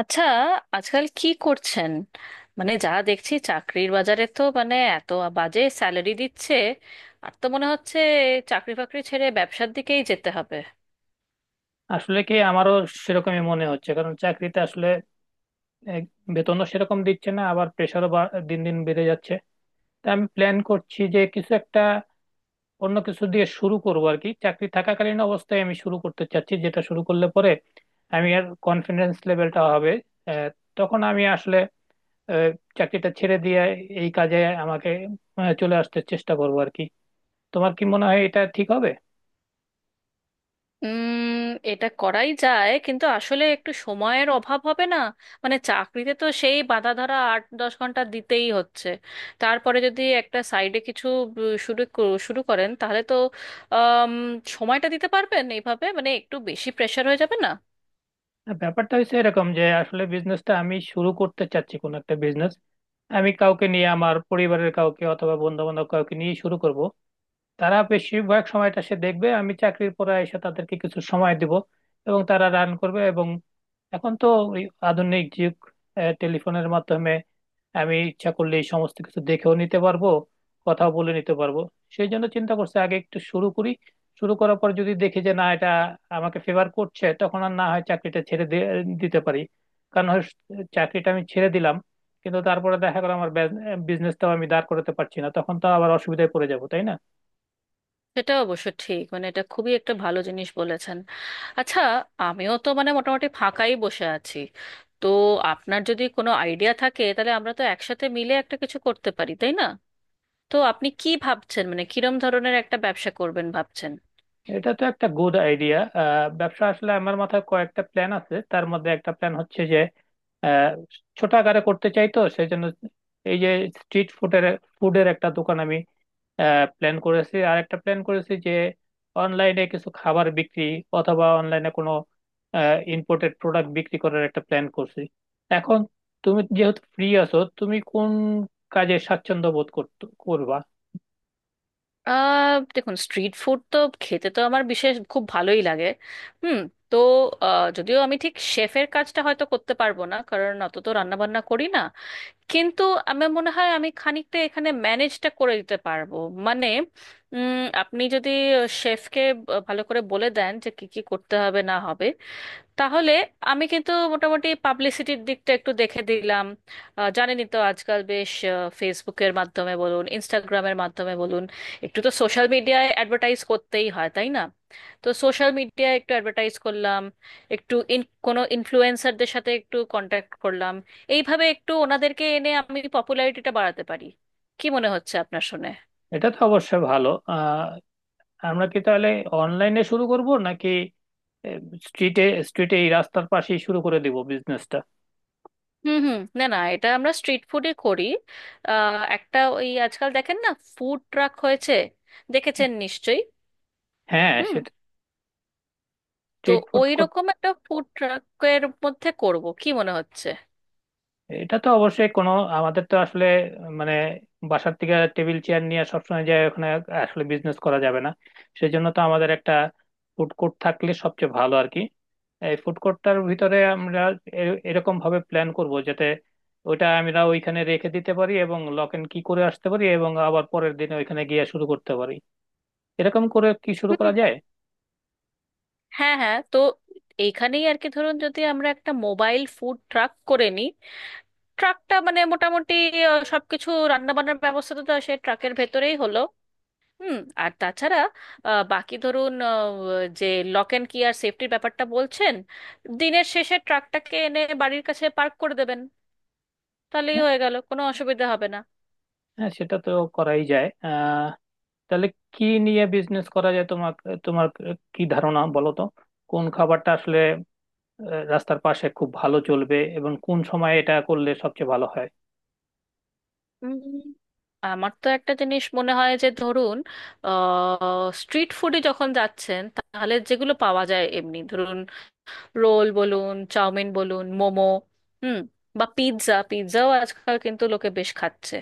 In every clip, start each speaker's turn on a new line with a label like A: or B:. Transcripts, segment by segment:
A: আচ্ছা, আজকাল কি করছেন? মানে যা দেখছি চাকরির বাজারে তো মানে এত বাজে স্যালারি দিচ্ছে, আর তো মনে হচ্ছে চাকরি বাকরি ছেড়ে ব্যবসার দিকেই যেতে হবে।
B: আসলে কি আমারও সেরকমই মনে হচ্ছে কারণ চাকরিতে আসলে এ, বেতনও সেরকম দিচ্ছে না আবার প্রেশারও দিন দিন বেড়ে যাচ্ছে। তাই আমি প্ল্যান করছি যে কিছু একটা অন্য কিছু দিয়ে শুরু করবো আর কি। চাকরি থাকাকালীন অবস্থায় আমি শুরু করতে চাচ্ছি, যেটা শুরু করলে পরে আমি আর কনফিডেন্স লেভেলটা হবে এ, তখন আমি আসলে এ, চাকরিটা ছেড়ে দিয়ে এই কাজে আমাকে চলে আসতে চেষ্টা করবো আর কি। তোমার কি মনে হয় এটা ঠিক হবে?
A: উম এটা করাই যায়, কিন্তু আসলে একটু সময়ের অভাব হবে না? মানে চাকরিতে তো সেই বাঁধা ধরা 8-10 ঘন্টা দিতেই হচ্ছে। তারপরে যদি একটা সাইডে কিছু শুরু করেন, তাহলে তো আম, সময়টা দিতে পারবেন? এইভাবে মানে একটু বেশি প্রেশার হয়ে যাবে না?
B: না, ব্যাপারটা হচ্ছে এরকম যে আসলে বিজনেসটা আমি শুরু করতে চাচ্ছি, কোন একটা বিজনেস আমি কাউকে নিয়ে, আমার পরিবারের কাউকে অথবা বন্ধু বান্ধব কাউকে নিয়ে শুরু করব। তারা বেশিরভাগ সময়টা সে দেখবে, আমি চাকরির পরে এসে তাদেরকে কিছু সময় দিব এবং তারা রান করবে। এবং এখন তো ওই আধুনিক যুগ, টেলিফোনের মাধ্যমে আমি ইচ্ছা করলে এই সমস্ত কিছু দেখেও নিতে পারবো, কথা বলে নিতে পারবো। সেই জন্য চিন্তা করছি আগে একটু শুরু করি। শুরু করার পর যদি দেখি যে না, এটা আমাকে ফেভার করছে, তখন আর না হয় দিতে পারি। কারণ হয় চাকরিটা আমি ছেড়ে দিলাম, কিন্তু তারপরে দেখা গেলো আমার বিজনেসটাও আমি দাঁড় করাতে পারছি না, তখন তো আবার অসুবিধায় পড়ে যাবো তাই না?
A: সেটা অবশ্য ঠিক, মানে এটা খুবই একটা ভালো জিনিস বলেছেন। আচ্ছা, আমিও তো মানে মোটামুটি ফাঁকাই বসে আছি, তো আপনার যদি কোনো আইডিয়া থাকে তাহলে আমরা তো একসাথে মিলে একটা কিছু করতে পারি, তাই না? তো আপনি কি ভাবছেন, মানে কিরম ধরনের একটা ব্যবসা করবেন ভাবছেন?
B: এটা তো একটা গুড আইডিয়া। ব্যবসা আসলে আমার মাথায় কয়েকটা প্ল্যান আছে, তার মধ্যে একটা প্ল্যান হচ্ছে আহ ছোট আকারে করতে চাই, তো সেই জন্য এই যে স্ট্রিট ফুডের ফুডের একটা দোকান আমি প্ল্যান করেছি। আর একটা প্ল্যান করেছি যে অনলাইনে কিছু খাবার বিক্রি অথবা অনলাইনে কোনো ইম্পোর্টেড প্রোডাক্ট বিক্রি করার একটা প্ল্যান করছি। এখন তুমি যেহেতু ফ্রি আছো, তুমি কোন কাজে স্বাচ্ছন্দ্য বোধ করবা?
A: দেখুন, স্ট্রিট ফুড তো খেতে তো আমার বিশেষ খুব ভালোই লাগে। হুম। তো যদিও আমি ঠিক শেফের কাজটা হয়তো করতে পারবো না, কারণ অত তো রান্না বান্না করি না, কিন্তু আমার মনে হয় আমি খানিকটা এখানে ম্যানেজটা করে দিতে পারবো। মানে উম, আপনি যদি শেফকে ভালো করে বলে দেন যে কি কি করতে হবে না হবে, তাহলে আমি কিন্তু মোটামুটি পাবলিসিটির দিকটা একটু দেখে দিলাম। জানেনই তো আজকাল বেশ ফেসবুকের মাধ্যমে বলুন, ইনস্টাগ্রামের মাধ্যমে বলুন, একটু তো সোশ্যাল মিডিয়ায় অ্যাডভার্টাইজ করতেই হয়, তাই না? তো সোশ্যাল মিডিয়ায় একটু অ্যাডভার্টাইজ করলাম, একটু কোনো ইনফ্লুয়েন্সারদের সাথে একটু কন্ট্যাক্ট করলাম, এইভাবে একটু ওনাদেরকে এনে আমি পপুলারিটিটা বাড়াতে পারি। কি মনে হচ্ছে আপনার শুনে?
B: এটা তো অবশ্যই ভালো। আমরা কি তাহলে অনলাইনে শুরু করব নাকি স্ট্রিটে স্ট্রিটে এই রাস্তার পাশেই শুরু করে দিব বিজনেসটা?
A: হুম হুম, না না, এটা আমরা স্ট্রিট ফুডে করি। একটা ওই আজকাল দেখেন না, ফুড ট্রাক হয়েছে, দেখেছেন নিশ্চয়ই?
B: হ্যাঁ।
A: হুম। তো
B: স্ট্রিট ফুড।
A: ওই রকম একটা ফুড ট্রাকের মধ্যে করব, কি মনে হচ্ছে?
B: এটা তো অবশ্যই কোনো আমাদের তো আসলে মানে বাসার থেকে টেবিল চেয়ার নিয়ে সবসময় যায় ওখানে আসলে বিজনেস করা যাবে না। সেজন্য তো আমাদের একটা ফুড কোর্ট থাকলে সবচেয়ে ভালো আর কি। এই ফুড কোর্টটার ভিতরে আমরা এরকম ভাবে প্ল্যান করব যাতে ওইটা আমরা ওইখানে রেখে দিতে পারি এবং লক এন্ড কি করে আসতে পারি এবং আবার পরের দিনে ওইখানে গিয়ে শুরু করতে পারি। এরকম করে কি শুরু
A: হুম,
B: করা যায়?
A: হ্যাঁ হ্যাঁ, তো এইখানেই আর কি, ধরুন যদি আমরা একটা মোবাইল ফুড ট্রাক করে নিই, ট্রাকটা মানে মোটামুটি সবকিছু রান্না বান্নার ব্যবস্থা তো সে ট্রাকের ভেতরেই হলো। হুম। আর তাছাড়া বাকি ধরুন যে লক অ্যান্ড কি আর সেফটির ব্যাপারটা বলছেন, দিনের শেষে ট্রাকটাকে এনে বাড়ির কাছে পার্ক করে দেবেন, তাহলেই
B: হ্যাঁ,
A: হয়ে গেল, কোনো অসুবিধা হবে না।
B: হ্যাঁ, সেটা তো করাই যায়। তাহলে কি নিয়ে বিজনেস করা যায়, তোমার, তোমার কি ধারণা বলো তো? কোন খাবারটা আসলে রাস্তার পাশে খুব ভালো চলবে এবং কোন সময় এটা করলে সবচেয়ে ভালো হয়?
A: উম, আমার তো একটা জিনিস মনে হয় যে, ধরুন স্ট্রিট ফুডে যখন যাচ্ছেন তাহলে যেগুলো পাওয়া যায় এমনি, ধরুন রোল বলুন, চাউমিন বলুন, মোমো। হুম। বা পিৎজা, পিৎজাও আজকাল কিন্তু লোকে বেশ খাচ্ছে।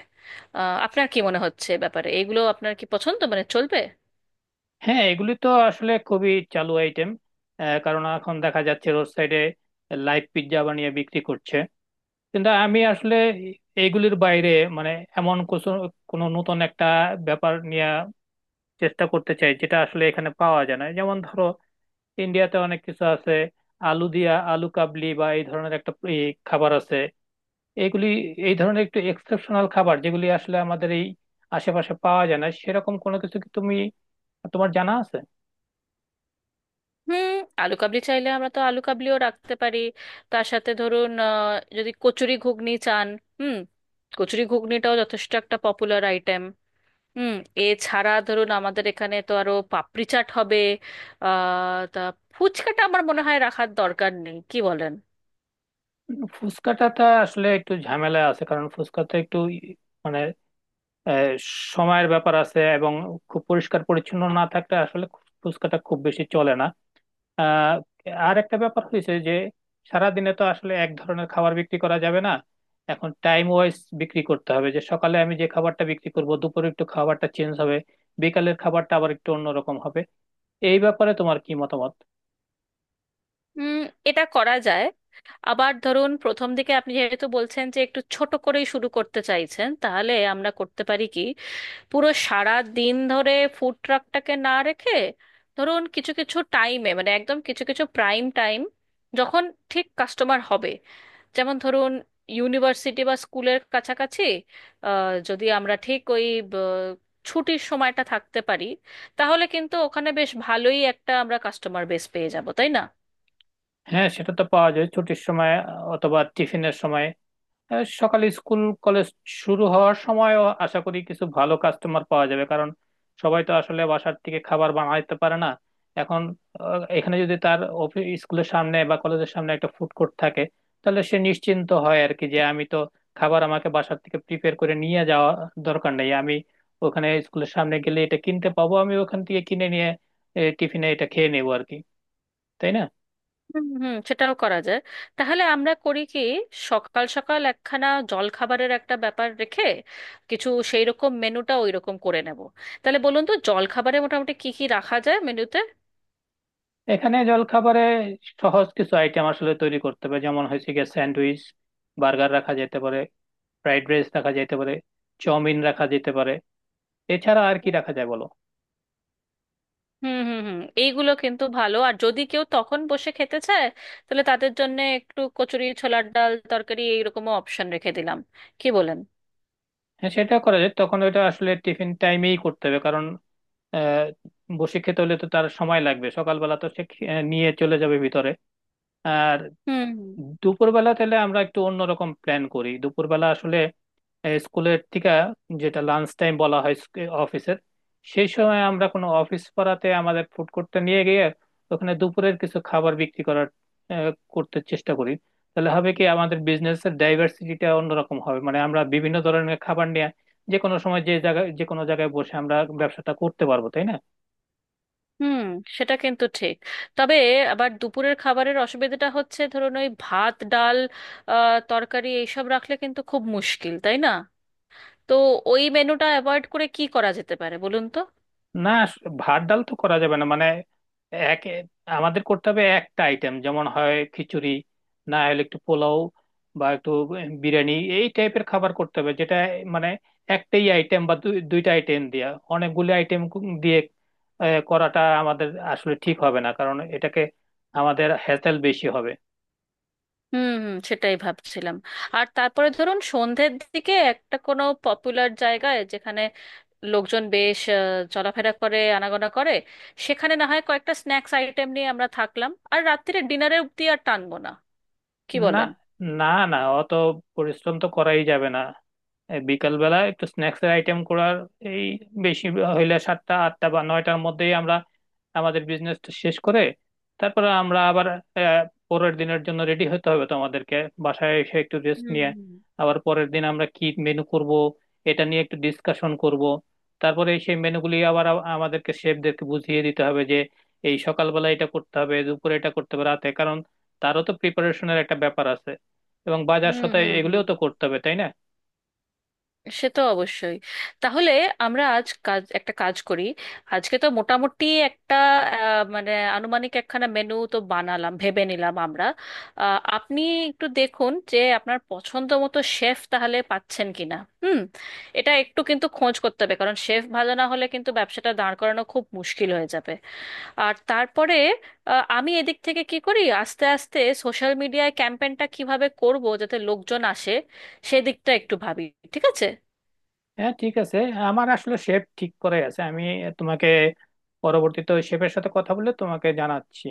A: আপনার কি মনে হচ্ছে এ ব্যাপারে, এগুলো আপনার কি পছন্দ, মানে চলবে?
B: হ্যাঁ, এগুলি তো আসলে খুবই চালু আইটেম। কারণ এখন দেখা যাচ্ছে রোড সাইডে লাইভ পিৎজা বানিয়ে বিক্রি করছে। কিন্তু আমি আসলে এইগুলির বাইরে মানে এমন কিছু কোনো নতুন একটা ব্যাপার নিয়ে চেষ্টা করতে চাই, যেটা আসলে এখানে পাওয়া যায় না। যেমন ধরো ইন্ডিয়াতে অনেক কিছু আছে, আলু দিয়া, আলু কাবলি বা এই ধরনের একটা এই খাবার আছে। এগুলি এই ধরনের একটু এক্সেপশনাল খাবার, যেগুলি আসলে আমাদের এই আশেপাশে পাওয়া যায় না, সেরকম কোনো কিছু কি তুমি, তোমার জানা আছে?
A: হুম। আলু কাবলি চাইলে আমরা তো আলু কাবলিও রাখতে পারি, তার সাথে ধরুন যদি কচুরি ঘুগনি চান, হুম, কচুরি ঘুগনিটাও যথেষ্ট একটা পপুলার আইটেম। হুম। এছাড়া ধরুন আমাদের এখানে তো আরো পাপড়ি চাট হবে। আহ তা ফুচকাটা আমার মনে হয় রাখার দরকার নেই, কি বলেন?
B: ফুচকাটাতে আসলে একটু ঝামেলা আছে, কারণ ফুচকাতে একটু মানে আহ, সময়ের ব্যাপার আছে এবং খুব পরিষ্কার পরিচ্ছন্ন না থাকলে আসলে ফুচকাটা খুব বেশি চলে না। আহ আর একটা ব্যাপার হয়েছে যে সারাদিনে তো আসলে এক ধরনের খাবার বিক্রি করা যাবে না। এখন টাইম ওয়াইজ বিক্রি করতে হবে, যে সকালে আমি যে খাবারটা বিক্রি করব দুপুরে একটু খাবারটা চেঞ্জ হবে, বিকালের খাবারটা আবার একটু অন্যরকম হবে। এই ব্যাপারে তোমার কি মতামত?
A: হুম, এটা করা যায়। আবার ধরুন প্রথম দিকে আপনি যেহেতু বলছেন যে একটু ছোট করেই শুরু করতে চাইছেন, তাহলে আমরা করতে পারি কি, পুরো সারা দিন ধরে ফুড ট্রাকটাকে না রেখে ধরুন কিছু কিছু টাইমে, মানে একদম কিছু কিছু প্রাইম টাইম, যখন ঠিক কাস্টমার হবে, যেমন ধরুন ইউনিভার্সিটি বা স্কুলের কাছাকাছি যদি আমরা ঠিক ওই ব- ছুটির সময়টা থাকতে পারি, তাহলে কিন্তু ওখানে বেশ ভালোই একটা আমরা কাস্টমার বেস পেয়ে যাব, তাই না?
B: হ্যাঁ সেটা তো পাওয়া যায় ছুটির সময় অথবা টিফিনের সময়। সকালে স্কুল কলেজ শুরু হওয়ার সময়ও আশা করি কিছু ভালো কাস্টমার পাওয়া যাবে, কারণ সবাই তো আসলে বাসার থেকে খাবার বানাইতে পারে না। এখন এখানে যদি তার অফিস স্কুলের সামনে বা কলেজের সামনে একটা ফুড কোর্ট থাকে তাহলে সে নিশ্চিন্ত হয় আর কি, যে আমি তো খাবার আমাকে বাসার থেকে প্রিপেয়ার করে নিয়ে যাওয়া দরকার নেই, আমি ওখানে স্কুলের সামনে গেলে এটা কিনতে পাবো, আমি ওখান থেকে কিনে নিয়ে টিফিনে এটা খেয়ে নেবো আর কি। তাই না?
A: হুম হুম, সেটাও করা যায়। তাহলে আমরা করি কি, সকাল সকাল একখানা জলখাবারের একটা ব্যাপার রেখে কিছু সেই রকম মেনুটা ওই রকম করে নেব। তাহলে বলুন তো জলখাবারে মোটামুটি কি কি রাখা যায় মেনুতে?
B: এখানে জলখাবারে সহজ কিছু আইটেম আসলে তৈরি করতে হবে, যেমন হয়েছে গিয়ে স্যান্ডউইচ, বার্গার রাখা যেতে পারে, ফ্রাইড রাইস রাখা যেতে পারে, চাউমিন রাখা যেতে পারে। এছাড়া আর কি রাখা যায় বলো?
A: হুম হুম হুম, এইগুলো কিন্তু ভালো। আর যদি কেউ তখন বসে খেতে চায়, তাহলে তাদের জন্য একটু কচুরি, ছোলার ডাল, তরকারি, এইরকমও অপশন রেখে দিলাম, কি বলেন?
B: হ্যাঁ সেটা করা যায়, তখন ওইটা আসলে টিফিন টাইমেই করতে হবে। কারণ আহ বসে খেতে হলে তো তার সময় লাগবে। সকালবেলা তো সে নিয়ে চলে যাবে ভিতরে। আর
A: হুম
B: দুপুরবেলা তাহলে আমরা একটু অন্যরকম প্ল্যান করি। দুপুরবেলা আসলে এই স্কুলের থেকে যেটা লাঞ্চ টাইম বলা হয় অফিসের, সেই সময় আমরা কোনো অফিস পাড়াতে আমাদের ফুড কোর্টটা নিয়ে গিয়ে ওখানে দুপুরের কিছু খাবার বিক্রি করার আহ, করতে চেষ্টা করি। তাহলে হবে কি আমাদের বিজনেসের ডাইভার্সিটিটা অন্যরকম হবে, মানে আমরা বিভিন্ন ধরনের খাবার নিয়ে যে কোনো সময় যে জায়গায় যে কোনো জায়গায় বসে আমরা ব্যবসাটা করতে পারবো তাই না?
A: হুম, সেটা কিন্তু ঠিক। তবে আবার দুপুরের খাবারের অসুবিধাটা হচ্ছে, ধরুন ওই ভাত, ডাল, তরকারি এইসব রাখলে কিন্তু খুব মুশকিল, তাই না? তো ওই মেনুটা অ্যাভয়েড করে কি করা যেতে পারে বলুন তো?
B: না, ভাত ডাল তো করা যাবে না মানে এক আমাদের করতে হবে একটা আইটেম, যেমন হয় খিচুড়ি, না হলে একটু পোলাও বা একটু বিরিয়ানি এই টাইপের খাবার করতে হবে। যেটা মানে একটাই আইটেম বা দুইটা আইটেম দিয়া অনেকগুলো আইটেম দিয়ে করাটা আমাদের আসলে ঠিক হবে না, কারণ এটাকে আমাদের হ্যাসেল বেশি হবে।
A: হুম হুম, সেটাই ভাবছিলাম। আর তারপরে ধরুন সন্ধ্যের দিকে একটা কোনো পপুলার জায়গায় যেখানে লোকজন বেশ চলাফেরা করে, আনাগোনা করে, সেখানে না হয় কয়েকটা স্ন্যাক্স আইটেম নিয়ে আমরা থাকলাম, আর রাত্তিরে ডিনারে অব্দি আর টানবো না, কি
B: না,
A: বলেন?
B: না, না, অত পরিশ্রম তো করাই যাবে না। এই বিকাল বেলা একটু স্ন্যাক্স এর আইটেম করার, এই বেশি হইলে 7টা 8টা বা 9টার মধ্যেই আমরা আমাদের বিজনেসটা শেষ করে তারপরে আমরা আবার আহ, পরের দিনের জন্য রেডি হতে হবে, তোমাদেরকে বাসায় এসে একটু রেস্ট
A: হুম
B: নিয়ে।
A: হুম
B: আবার পরের দিন আমরা কি মেনু করব এটা নিয়ে একটু ডিসকাশন করব। তারপরে সেই মেনুগুলি আবার আমাদেরকে শেফদেরকে বুঝিয়ে দিতে হবে যে এই সকালবেলা এটা করতে হবে, দুপুরে এটা করতে হবে, রাতে। তারও তো প্রিপারেশনের একটা ব্যাপার আছে এবং বাজার
A: হুম,
B: সদাই
A: হুম হুম,
B: এগুলোও তো করতে হবে তাই না?
A: সে তো অবশ্যই। তাহলে আমরা আজ কাজ একটা কাজ করি। আজকে তো মোটামুটি একটা আহ, মানে আনুমানিক একখানা মেনু তো বানালাম, ভেবে নিলাম আমরা। আপনি একটু দেখুন যে আপনার পছন্দ মতো শেফ তাহলে পাচ্ছেন কিনা। হুম, এটা একটু কিন্তু খোঁজ করতে হবে, কারণ শেফ ভালো না হলে কিন্তু ব্যবসাটা দাঁড় করানো খুব মুশকিল হয়ে যাবে। আর তারপরে আমি এদিক থেকে কি করি, আস্তে আস্তে সোশ্যাল মিডিয়ায় ক্যাম্পেনটা কিভাবে করব যাতে লোকজন আসে, সেদিকটা একটু ভাবি। ঠিক আছে?
B: হ্যাঁ ঠিক আছে। আমার আসলে শেপ ঠিক করে আছে। আমি তোমাকে পরবর্তীতে ওই শেফের সাথে কথা বলে তোমাকে জানাচ্ছি।